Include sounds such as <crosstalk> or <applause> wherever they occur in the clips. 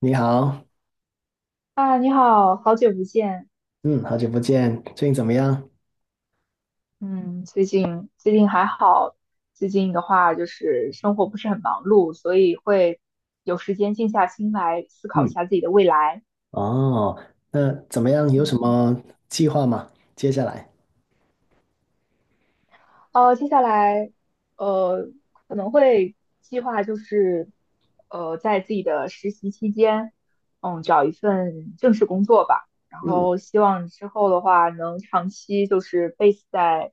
你好。啊，你好，好久不见。嗯，好久不见，最近怎么样？嗯，最近还好，最近的话就是生活不是很忙碌，所以会有时间静下心来思考一嗯下自己的未来。哦，那怎么样？有什嗯，么计划吗？接下来？接下来呃可能会计划就是在自己的实习期间，嗯，找一份正式工作吧。然嗯。后希望之后的话能长期就是 base 在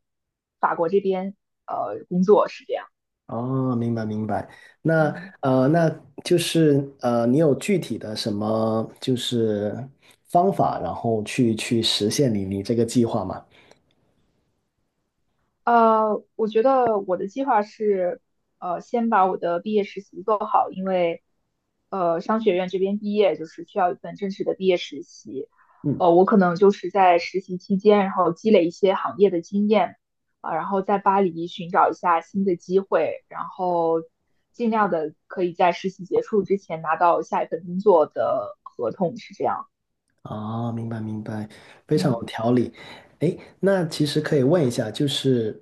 法国这边工作是这样。哦，明白明白。那嗯。呃，那就是你有具体的什么就是方法，然后去实现你这个计划吗？我觉得我的计划是，先把我的毕业实习做好，因为，商学院这边毕业就是需要一份正式的毕业实习，嗯。我可能就是在实习期间，然后积累一些行业的经验，然后在巴黎寻找一下新的机会，然后尽量的可以在实习结束之前拿到下一份工作的合同，是这样。哦，明白明白，非常有嗯。条理。诶，那其实可以问一下，就是，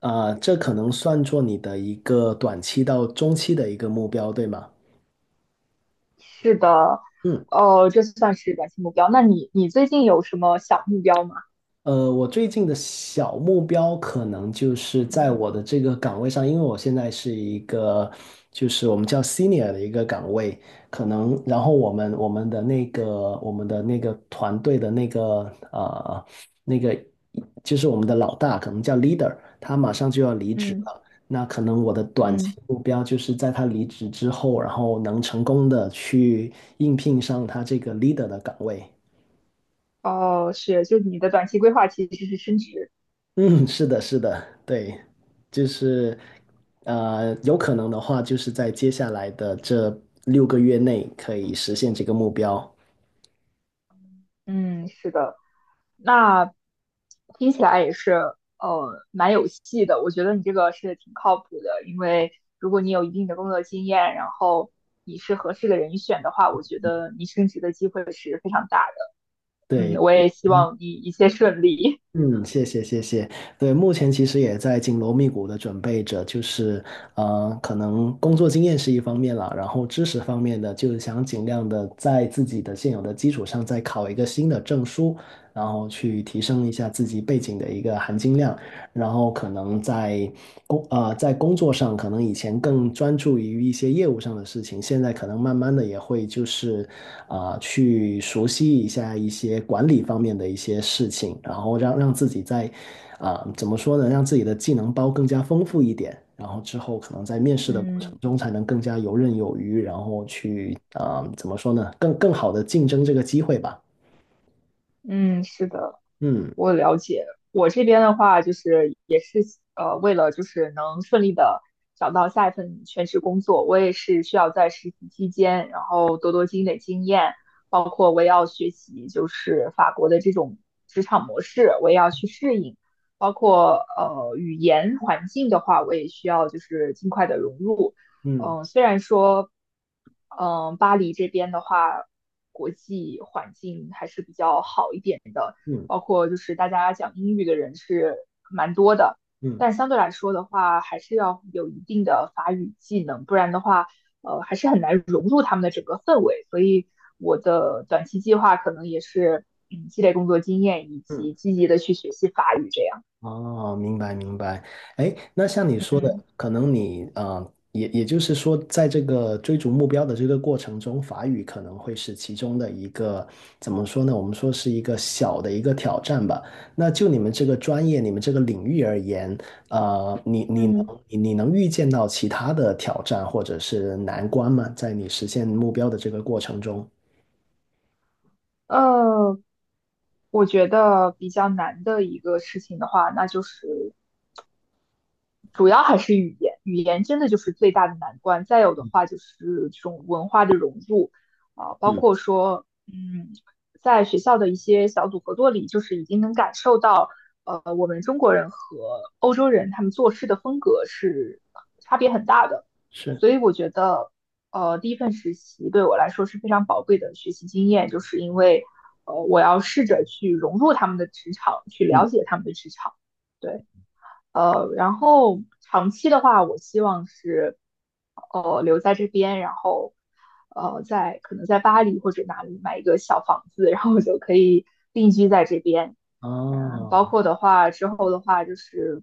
这可能算作你的一个短期到中期的一个目标，对吗？是的，嗯。哦，这算是短期目标。那你最近有什么小目标吗？我最近的小目标可能就是嗯在我的这个岗位上，因为我现在是一个，就是我们叫 senior 的一个岗位，可能然后我们的那个我们的那个团队的那个那个就是我们的老大，可能叫 leader,他马上就要离职嗯嗯了。那可能我的短期嗯目标就是在他离职之后，然后能成功的去应聘上他这个 leader 的岗位。哦，是，就你的短期规划其实是升职。嗯，是的，是的，对，就是有可能的话，就是在接下来的这六个月内可以实现这个目标。嗯，是的，那听起来也是蛮有戏的。我觉得你这个是挺靠谱的，因为如果你有一定的工作经验，然后你是合适的人选的话，我觉得你升职的机会是非常大的。嗯，对，我也希嗯，望你一切顺利。嗯谢谢，谢谢。对，目前其实也在紧锣密鼓的准备着，就是可能工作经验是一方面了，然后知识方面的，就是想尽量的在自己的现有的基础上再考一个新的证书，然后去提升一下自己背景的一个含金量。然后可能在在工作上，可能以前更专注于一些业务上的事情，现在可能慢慢的也会就是去熟悉一下一些管理方面的一些事情，然后让自己在怎么说呢，让自己的技能包更加丰富一点，然后之后可能在面 <laughs> 试的过程嗯中才能更加游刃有余，然后去怎么说呢，更好的竞争这个机会吧。嗯，是的。嗯我了解。我这边的话，就是也是为了就是能顺利的找到下一份全职工作，我也是需要在实习期间，然后多多积累经验，包括我也要学习就是法国的这种职场模式，我也要去适应，包括语言环境的话，我也需要就是尽快的融入。嗯虽然说巴黎这边的话，国际环境还是比较好一点的。嗯包括就是大家讲英语的人是蛮多的，嗯但相对来说的话，还是要有一定的法语技能，不然的话，还是很难融入他们的整个氛围。所以我的短期计划可能也是，嗯，积累工作经验以嗯。及积极的去学习法语这样。哦，明白明白。哎，那像你说的，嗯可能你啊、呃也也就是说，在这个追逐目标的这个过程中，法语可能会是其中的一个怎么说呢？我们说是一个小的一个挑战吧。那就你们这个专业、你们这个领域而言，呃，你你能嗯你你能预见到其他的挑战或者是难关吗？在你实现目标的这个过程中，呃，我觉得比较难的一个事情的话，那就是主要还是语言，语言真的就是最大的难关。再有的话就是这种文化的融入包嗯，括说，在学校的一些小组合作里，就是已经能感受到，我们中国人和欧洲人他们做事的风格是差别很大的。是，所以我觉得，第一份实习对我来说是非常宝贵的学习经验，就是因为，我要试着去融入他们的职场，去嗯，了解他们的职场。对，然后长期的话，我希望是留在这边，然后在可能在巴黎或者哪里买一个小房子，然后我就可以定居在这边。嗯，包哦，括的话之后的话就是，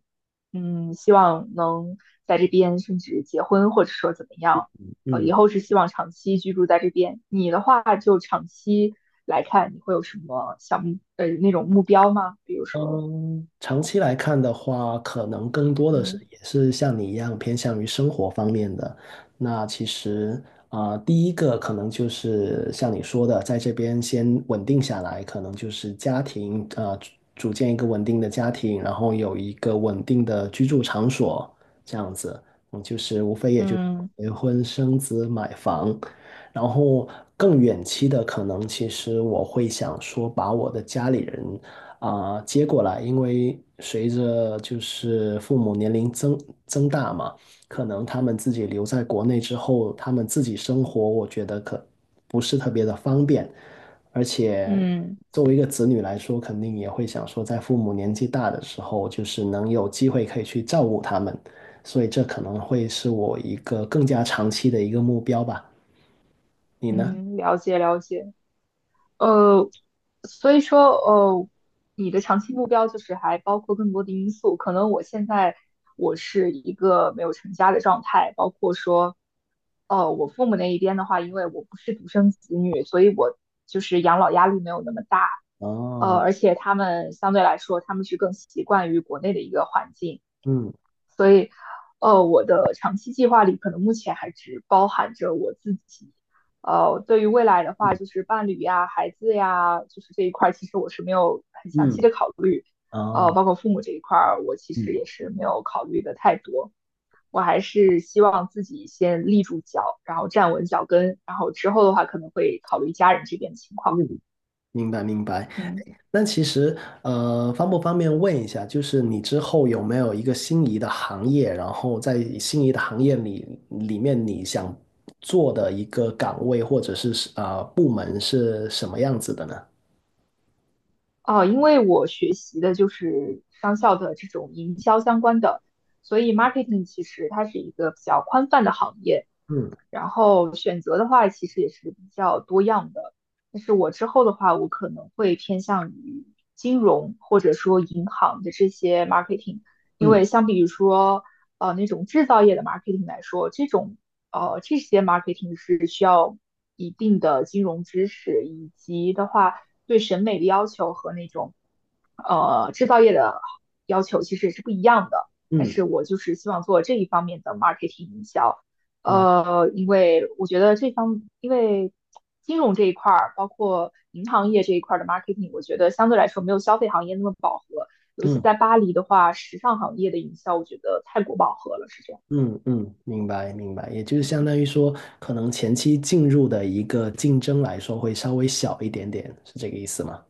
希望能在这边甚至结婚，或者说怎么样，嗯。以后是希望长期居住在这边。你的话就长期来看，你会有什么那种目标吗？比如说，嗯，长期来看的话，可能更多的是嗯也是像你一样偏向于生活方面的。那其实第一个可能就是像你说的，在这边先稳定下来，可能就是家庭啊、呃组组建一个稳定的家庭，然后有一个稳定的居住场所，这样子，嗯，就是无非也就是嗯结婚、生子、买房。然后更远期的，可能其实我会想说，把我的家里人接过来，因为随着就是父母年龄增大嘛，可能他们自己留在国内之后，他们自己生活，我觉得可不是特别的方便，而且嗯。作为一个子女来说，肯定也会想说，在父母年纪大的时候，就是能有机会可以去照顾他们，所以这可能会是我一个更加长期的一个目标吧。你呢？嗯，了解了解。呃，所以说，你的长期目标就是还包括更多的因素。可能我现在我是一个没有成家的状态，包括说，我父母那一边的话，因为我不是独生子女，所以我就是养老压力没有那么大。哦，而且他们相对来说，他们是更习惯于国内的一个环境。嗯所以，我的长期计划里可能目前还只包含着我自己。对于未来的话，嗯就是伴侣呀、孩子呀，就是这一块，其实我是没有很详细嗯，的考虑。哦，包括父母这一块我其嗯实也是没有考虑的太多。我还是希望自己先立住脚，然后站稳脚跟，然后之后的话可能会考虑家人这边的情嗯，况。明白明白。嗯。那其实，方不方便问一下，就是你之后有没有一个心仪的行业，然后在心仪的行业里面，你想做的一个岗位或者是部门是什么样子的呢？哦，因为我学习的就是商校的这种营销相关的，所以 marketing 其实它是一个比较宽泛的行业。嗯然后选择的话，其实也是比较多样的。但是我之后的话，我可能会偏向于金融或者说银行的这些 marketing，因嗯为相比于说那种制造业的 marketing 来说，这种这些 marketing 是需要一定的金融知识，以及的话对审美的要求和那种制造业的要求其实也是不一样的。但嗯，是我就是希望做这一方面的 marketing 营销。啊，因为我觉得因为金融这一块儿，包括银行业这一块儿的 marketing，我觉得相对来说没有消费行业那么饱和。尤其嗯在巴黎的话，时尚行业的营销，我觉得太过饱和了，是这样。嗯。明白明白，也就是相当于说，可能前期进入的一个竞争来说会稍微小一点点，是这个意思吗？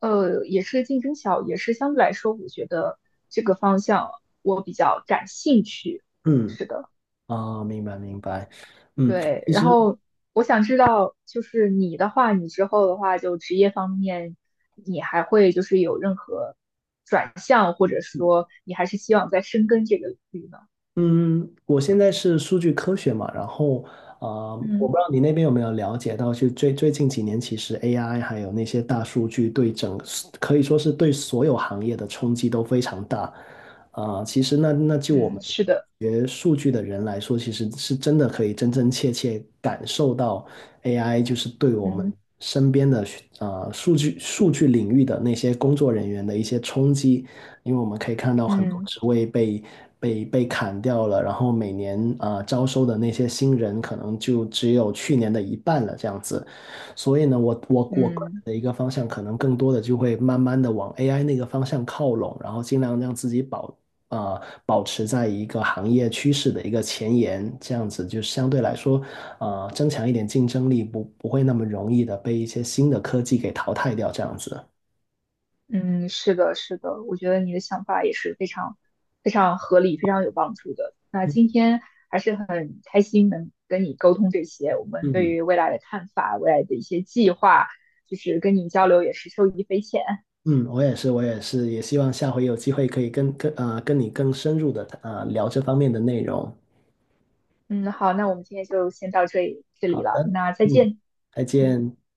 也是竞争小，也是相对来说，我觉得这个方向我比较感兴趣。嗯，是的。啊，明白明白，嗯。对，其然实，后我想知道，就是你的话，你之后的话，就职业方面，你还会就是有任何转向，或者说你还是希望再深耕这个领域呢？嗯，我现在是数据科学嘛，然后我不知嗯道你那边有没有了解到，就最近几年，其实 AI 还有那些大数据可以说是对所有行业的冲击都非常大。其实那就我嗯，们是的，学数据的人来说，其实是真的可以真真切切感受到 AI 就是对我们嗯。身边的数据领域的那些工作人员的一些冲击。因为我们可以看到很多嗯职位被砍掉了，然后每年招收的那些新人可能就只有去年的一半了这样子，所以呢，我个人嗯。的一个方向可能更多的就会慢慢的往 AI 那个方向靠拢，然后尽量让自己保持在一个行业趋势的一个前沿，这样子就相对来说增强一点竞争力，不会那么容易的被一些新的科技给淘汰掉这样子。嗯，是的，是的，我觉得你的想法也是非常非常合理，非常有帮助的。那今天还是很开心能跟你沟通这些，我们对嗯，于未来的看法、未来的一些计划，就是跟你交流也是受益匪浅。嗯，我也是，我也是，也希望下回有机会可以跟你更深入的聊这方面的内容。嗯，好，那我们今天就先到这里这好里了，的，那再嗯，见。再嗯。见。